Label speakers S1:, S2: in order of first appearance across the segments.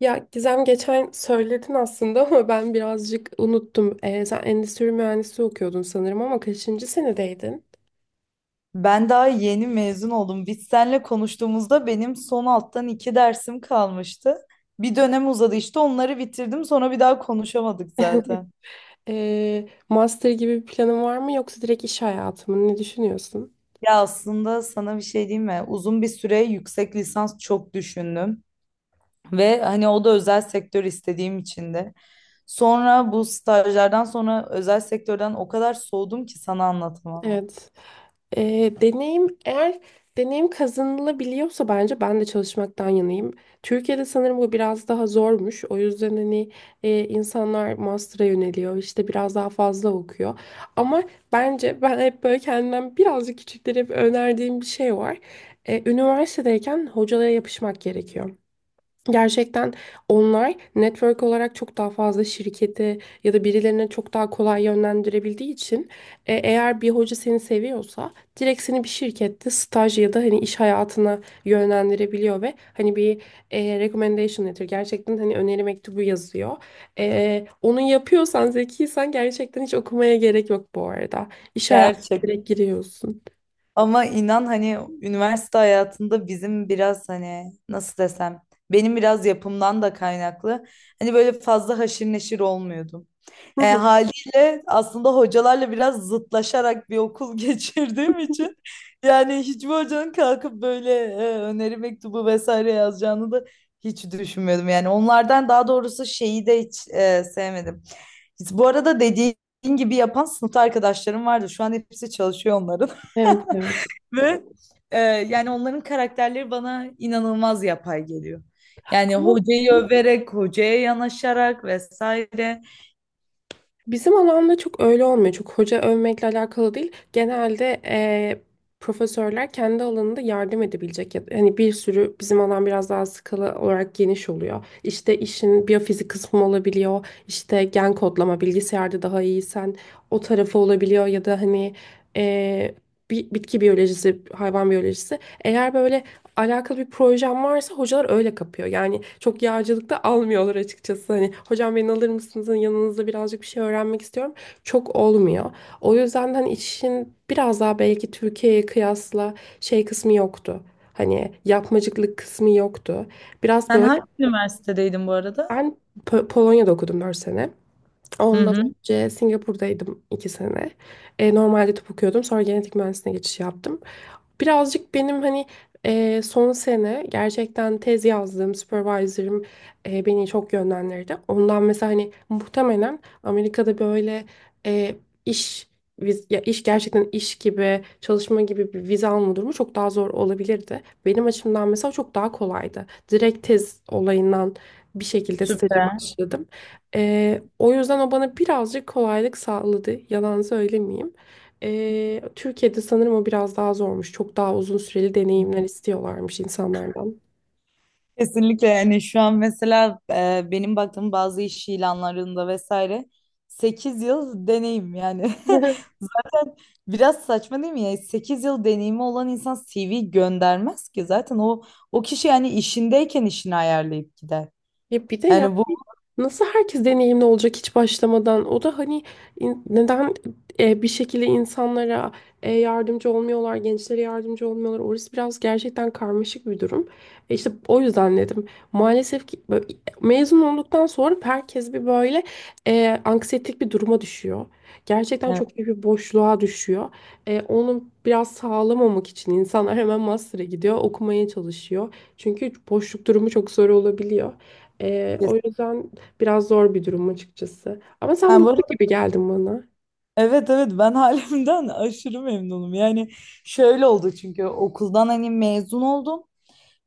S1: Ya Gizem geçen söyledin aslında ama ben birazcık unuttum. Sen endüstri mühendisliği okuyordun sanırım ama kaçıncı senedeydin?
S2: Ben daha yeni mezun oldum. Biz seninle konuştuğumuzda benim son alttan iki dersim kalmıştı. Bir dönem uzadı işte onları bitirdim sonra bir daha konuşamadık zaten.
S1: Master gibi bir planın var mı yoksa direkt iş hayatı mı? Ne düşünüyorsun?
S2: Ya aslında sana bir şey diyeyim mi? Uzun bir süre yüksek lisans çok düşündüm. Ve hani o da özel sektör istediğim için de. Sonra bu stajlardan sonra özel sektörden o kadar soğudum ki sana anlatamam.
S1: Evet. Eğer deneyim kazanılabiliyorsa bence ben de çalışmaktan yanayım. Türkiye'de sanırım bu biraz daha zormuş. O yüzden hani insanlar master'a yöneliyor, işte biraz daha fazla okuyor. Ama bence ben hep böyle kendimden birazcık küçüklere hep önerdiğim bir şey var. Üniversitedeyken hocalara yapışmak gerekiyor. Gerçekten onlar network olarak çok daha fazla şirketi ya da birilerine çok daha kolay yönlendirebildiği için eğer bir hoca seni seviyorsa direkt seni bir şirkette staj ya da hani iş hayatına yönlendirebiliyor ve hani bir recommendation letter gerçekten hani öneri mektubu yazıyor. Onu yapıyorsan zekiysen gerçekten hiç okumaya gerek yok bu arada. İş hayatına
S2: Gerçekten.
S1: direkt giriyorsun.
S2: Ama inan hani üniversite hayatında bizim biraz hani nasıl desem benim biraz yapımdan da kaynaklı. Hani böyle fazla haşir neşir olmuyordum.
S1: Hı
S2: Yani
S1: hı.
S2: haliyle aslında hocalarla biraz zıtlaşarak bir okul geçirdiğim için yani hiçbir hocanın kalkıp böyle öneri mektubu vesaire yazacağını da hiç düşünmüyordum. Yani onlardan daha doğrusu şeyi de hiç sevmedim. Bu arada dediğin gibi yapan sınıfta arkadaşlarım vardı. Şu an hepsi çalışıyor onların.
S1: Evet, evet.
S2: Ve yani onların karakterleri bana inanılmaz yapay geliyor. Yani hocayı överek, hocaya yanaşarak vesaire.
S1: Bizim alanda çok öyle olmuyor. Çok hoca övmekle alakalı değil. Genelde profesörler kendi alanında yardım edebilecek. Hani bir sürü, bizim alan biraz daha skala olarak geniş oluyor. İşte işin biyofizik kısmı olabiliyor. İşte gen kodlama, bilgisayarda daha iyiysen o tarafı olabiliyor. Ya da hani eee, bitki biyolojisi, hayvan biyolojisi. Eğer böyle alakalı bir projem varsa hocalar öyle kapıyor. Yani çok yağcılıkta almıyorlar açıkçası. Hani, hocam beni alır mısınız? Hani yanınızda birazcık bir şey öğrenmek istiyorum. Çok olmuyor. O yüzden hani işin biraz daha, belki Türkiye'ye kıyasla, şey kısmı yoktu. Hani yapmacıklık kısmı yoktu. Biraz
S2: Sen
S1: böyle,
S2: hangi üniversitedeydin bu arada?
S1: ben Polonya'da okudum 4 sene.
S2: Hı
S1: Ondan
S2: hı,
S1: önce Singapur'daydım 2 sene. Normalde tıp okuyordum. Sonra genetik mühendisliğine geçiş yaptım. Birazcık benim hani son sene gerçekten tez yazdığım supervisor'ım beni çok yönlendirdi. Ondan mesela, hani muhtemelen Amerika'da böyle eee, iş viz- ya iş gerçekten, iş gibi çalışma gibi bir vize alma durumu çok daha zor olabilirdi. Benim açımdan mesela çok daha kolaydı. Direkt tez olayından bir şekilde staja
S2: süper.
S1: başladım. O yüzden o bana birazcık kolaylık sağladı. Yalan söylemeyeyim. Türkiye'de sanırım o biraz daha zormuş. Çok daha uzun süreli deneyimler istiyorlarmış insanlardan.
S2: Kesinlikle yani şu an mesela benim baktığım bazı iş ilanlarında vesaire 8 yıl deneyim yani. Zaten biraz saçma değil mi ya? 8 yıl deneyimi olan insan CV göndermez ki zaten o kişi yani işindeyken işini ayarlayıp gider.
S1: Ya bir de yani
S2: Yani bu,
S1: nasıl herkes deneyimli olacak hiç başlamadan? O da hani neden bir şekilde insanlara yardımcı olmuyorlar, gençlere yardımcı olmuyorlar? Orası biraz gerçekten karmaşık bir durum. İşte o yüzden dedim. Maalesef ki böyle, mezun olduktan sonra herkes bir böyle anksiyetik bir duruma düşüyor. Gerçekten
S2: evet.
S1: çok büyük bir boşluğa düşüyor. Onu biraz sağlamamak için insanlar hemen master'a gidiyor, okumaya çalışıyor. Çünkü boşluk durumu çok zor olabiliyor. O yüzden biraz zor bir durum açıkçası. Ama sen
S2: Ben bu
S1: mutlu
S2: arada,
S1: gibi geldin bana.
S2: evet, evet, ben halimden aşırı memnunum. Yani şöyle oldu çünkü okuldan hani mezun oldum.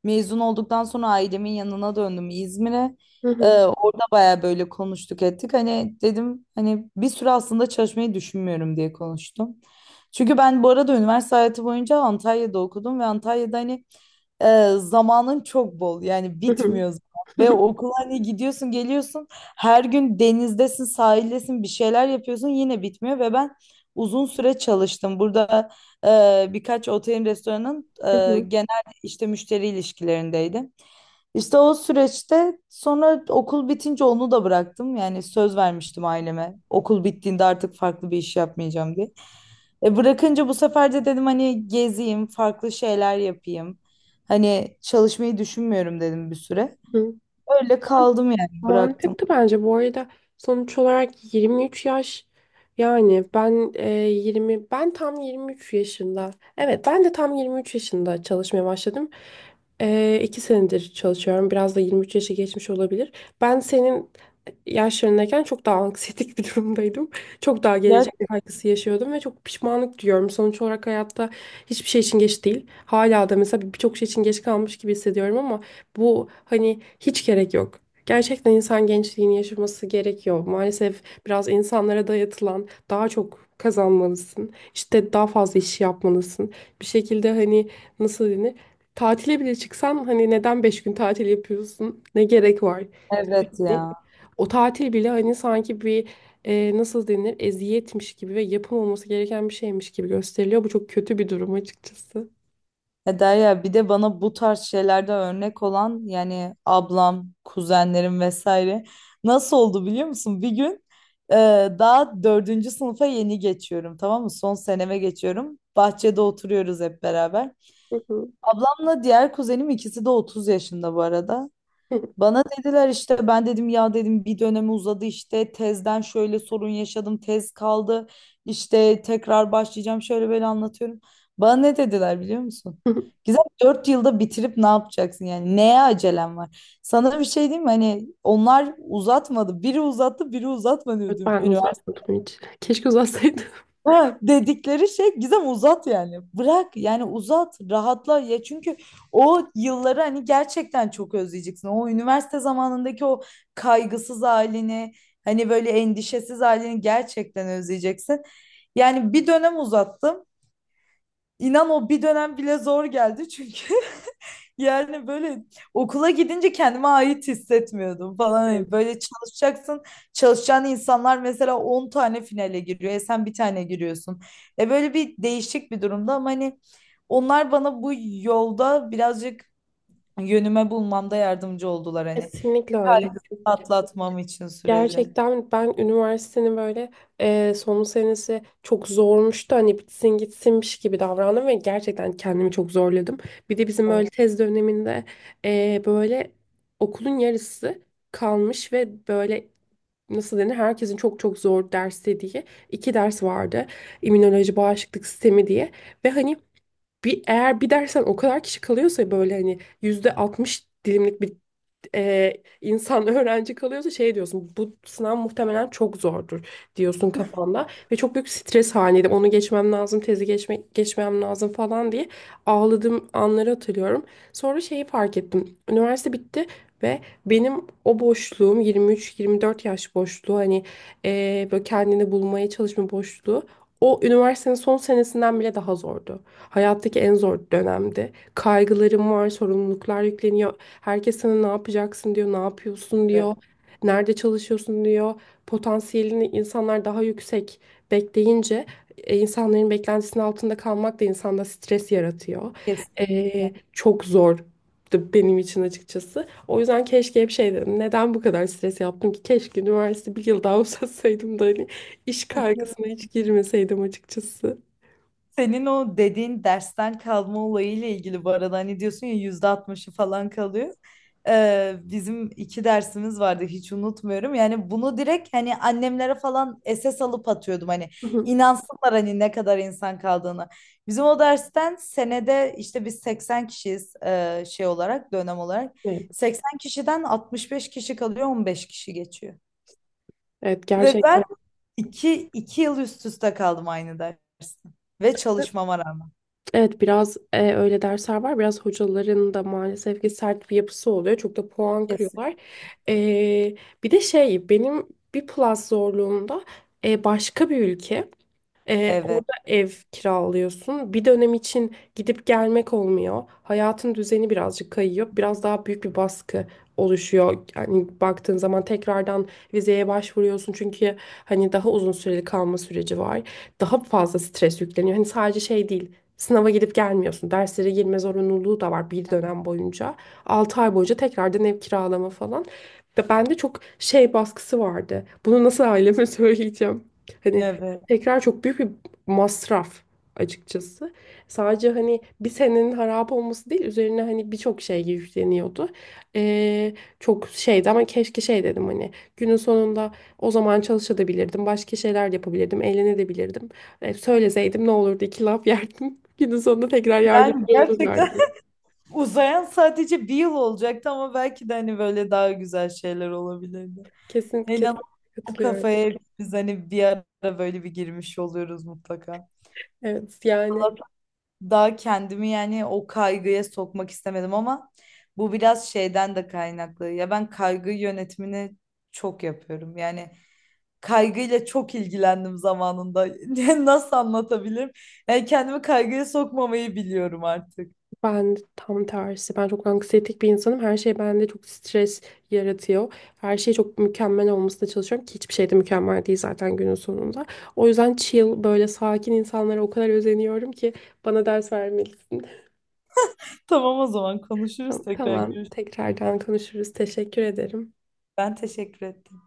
S2: Mezun olduktan sonra ailemin yanına döndüm İzmir'e.
S1: Hı hı,
S2: Orada baya böyle konuştuk ettik. Hani dedim hani bir süre aslında çalışmayı düşünmüyorum diye konuştum. Çünkü ben bu arada üniversite hayatı boyunca Antalya'da okudum ve Antalya'da hani zamanın çok bol yani
S1: hı hı,
S2: bitmiyor zaman. Ve okula hani gidiyorsun geliyorsun her gün denizdesin sahildesin bir şeyler yapıyorsun yine bitmiyor ve ben uzun süre çalıştım. Burada birkaç otelin restoranın
S1: hı hı,
S2: işte müşteri ilişkilerindeydim. İşte o süreçte sonra okul bitince onu da bıraktım. Yani söz vermiştim aileme. Okul bittiğinde artık farklı bir iş yapmayacağım diye. Bırakınca bu sefer de dedim hani gezeyim, farklı şeyler yapayım. Hani çalışmayı düşünmüyorum dedim bir süre.
S1: hı hı.
S2: Öyle
S1: Man-
S2: kaldım yani bıraktım.
S1: Mantıklı bence, bu arada, sonuç olarak 23 yaş. Yani ben 20, ben tam 23 yaşında, evet, ben de tam 23 yaşında çalışmaya başladım. 2 senedir çalışıyorum, biraz da 23 yaşı geçmiş olabilir. Ben senin yaşlarındayken çok daha anksiyetik bir durumdaydım. Çok daha
S2: Ya,
S1: gelecek kaygısı yaşıyordum ve çok pişmanlık duyuyorum. Sonuç olarak hayatta hiçbir şey için geç değil. Hala da mesela birçok şey için geç kalmış gibi hissediyorum ama bu, hani, hiç gerek yok. Gerçekten insan gençliğini yaşaması gerekiyor. Maalesef biraz insanlara dayatılan, daha çok kazanmalısın, işte daha fazla iş yapmalısın. Bir şekilde hani, nasıl denir, tatile bile çıksan hani neden 5 gün tatil yapıyorsun? Ne gerek var?
S2: evet
S1: Hani
S2: ya.
S1: o tatil bile hani sanki bir nasıl denir, eziyetmiş gibi ve yapılmaması gereken bir şeymiş gibi gösteriliyor. Bu çok kötü bir durum açıkçası.
S2: Ya Derya bir de bana bu tarz şeylerde örnek olan yani ablam, kuzenlerim vesaire nasıl oldu biliyor musun? Bir gün e, daha dördüncü sınıfa yeni geçiyorum tamam mı? Son seneme geçiyorum. Bahçede oturuyoruz hep beraber.
S1: Hı hı.
S2: Ablamla diğer kuzenim ikisi de 30 yaşında bu arada. Bana dediler işte ben dedim ya dedim bir dönemi uzadı işte tezden şöyle sorun yaşadım tez kaldı işte tekrar başlayacağım şöyle böyle anlatıyorum. Bana ne dediler biliyor musun? Güzel 4 yılda bitirip ne yapacaksın yani neye acelem var? Sana bir şey diyeyim mi hani onlar uzatmadı biri uzattı biri uzatmadı.
S1: Evet, ben de uzatmadım hiç. Keşke uzatsaydım.
S2: Ha, dedikleri şey Gizem uzat yani. Bırak yani uzat, rahatla ya çünkü o yılları hani gerçekten çok özleyeceksin. O üniversite zamanındaki o kaygısız halini, hani böyle endişesiz halini gerçekten özleyeceksin. Yani bir dönem uzattım. İnan o bir dönem bile zor geldi çünkü yani böyle okula gidince kendime ait hissetmiyordum falan. Hani
S1: Evet.
S2: böyle çalışacaksın. Çalışacağın insanlar mesela 10 tane finale giriyor. Sen bir tane giriyorsun. Böyle bir değişik bir durumda ama hani onlar bana bu yolda birazcık yönüme bulmamda yardımcı oldular hani.
S1: Kesinlikle öyle.
S2: Kaygısını atlatmam için sürece.
S1: Gerçekten ben üniversitenin böyle son senesi çok zormuştu. Hani bitsin gitsinmiş gibi davrandım ve gerçekten kendimi çok zorladım. Bir de bizim
S2: Evet,
S1: böyle tez döneminde böyle okulun yarısı kalmış ve böyle, nasıl denir, herkesin çok çok zor ders dediği iki ders vardı: İmmünoloji, bağışıklık sistemi diye. Ve hani eğer bir dersen o kadar kişi kalıyorsa, böyle hani %60 dilimlik bir e, insan öğrenci kalıyorsa, şey diyorsun, bu sınav muhtemelen çok zordur diyorsun kafanda. Ve çok büyük stres halindeydim, onu geçmem lazım, tezi geçmem lazım falan diye ağladığım anları hatırlıyorum. Sonra şeyi fark ettim, üniversite bitti ve benim o boşluğum, 23-24 yaş boşluğu, hani böyle kendini bulmaya çalışma boşluğu, o üniversitenin son senesinden bile daha zordu. Hayattaki en zor dönemdi. Kaygılarım var, sorumluluklar yükleniyor. Herkes sana ne yapacaksın diyor, ne yapıyorsun diyor,
S2: evet.
S1: nerede çalışıyorsun diyor. Potansiyelini insanlar daha yüksek bekleyince insanların beklentisinin altında kalmak da insanda stres yaratıyor.
S2: Kesinlikle.
S1: Çok zor benim için açıkçası. O yüzden keşke hep şey dedim, neden bu kadar stres yaptım ki? Keşke üniversite bir yıl daha uzatsaydım da hani iş kaygısına hiç girmeseydim açıkçası.
S2: Senin o dediğin dersten kalma olayıyla ilgili bu arada hani diyorsun ya %60'ı falan kalıyor. Bizim iki dersimiz vardı hiç unutmuyorum. Yani bunu direkt hani annemlere falan SS alıp atıyordum hani
S1: Hı hı.
S2: inansınlar hani ne kadar insan kaldığını. Bizim o dersten senede işte biz 80 kişiyiz şey olarak dönem olarak.
S1: Evet,
S2: 80 kişiden 65 kişi kalıyor 15 kişi geçiyor.
S1: evet
S2: Ve ben
S1: gerçekten.
S2: iki yıl üst üste kaldım aynı derste ve çalışmama rağmen.
S1: Evet, biraz öyle dersler var. Biraz hocaların da maalesef ki sert bir yapısı oluyor. Çok da puan kırıyorlar. E, Bir de şey, benim bir plus zorluğumda başka bir ülke.
S2: Evet,
S1: Orada ev kiralıyorsun. Bir dönem için gidip gelmek olmuyor. Hayatın düzeni birazcık kayıyor. Biraz daha büyük bir baskı oluşuyor. Yani baktığın zaman tekrardan vizeye başvuruyorsun. Çünkü hani daha uzun süreli kalma süreci var. Daha fazla stres yükleniyor. Hani sadece şey değil, sınava gidip gelmiyorsun. Derslere girme zorunluluğu da var bir dönem boyunca. 6 ay boyunca tekrardan ev kiralama falan. Ve bende çok şey baskısı vardı: bunu nasıl aileme söyleyeceğim? Hani
S2: evet.
S1: tekrar çok büyük bir masraf açıkçası. Sadece hani bir senenin harap olması değil, üzerine hani birçok şey yükleniyordu. Ee, Çok şeydi ama keşke şey dedim, hani günün sonunda o zaman çalışabilirdim. Başka şeyler yapabilirdim. Eğlenebilirdim. Söyleseydim ne olurdu, iki laf yerdim. Günün sonunda tekrar yardımcı
S2: Yani gerçekten
S1: olurlardı.
S2: uzayan sadece bir yıl olacaktı ama belki de hani böyle daha güzel şeyler olabilirdi.
S1: Kesin
S2: İnan
S1: kesin
S2: o
S1: katılıyorum.
S2: kafaya biz hani bir ara böyle bir girmiş oluyoruz mutlaka.
S1: Evet, yani.
S2: Daha kendimi yani o kaygıya sokmak istemedim ama bu biraz şeyden de kaynaklı. Ya ben kaygı yönetimini çok yapıyorum. Yani kaygıyla çok ilgilendim zamanında. Nasıl anlatabilirim? Yani kendimi kaygıya sokmamayı biliyorum artık.
S1: Ben tam tersi. Ben çok anksiyetik bir insanım. Her şey bende çok stres yaratıyor. Her şey çok mükemmel olmasına çalışıyorum ki hiçbir şey de mükemmel değil zaten günün sonunda. O yüzden chill, böyle sakin insanlara o kadar özeniyorum ki bana ders vermelisin.
S2: Tamam o zaman konuşuruz
S1: Tamam,
S2: tekrar
S1: tamam.
S2: görüşürüz.
S1: Tekrardan konuşuruz. Teşekkür ederim.
S2: Ben teşekkür ettim.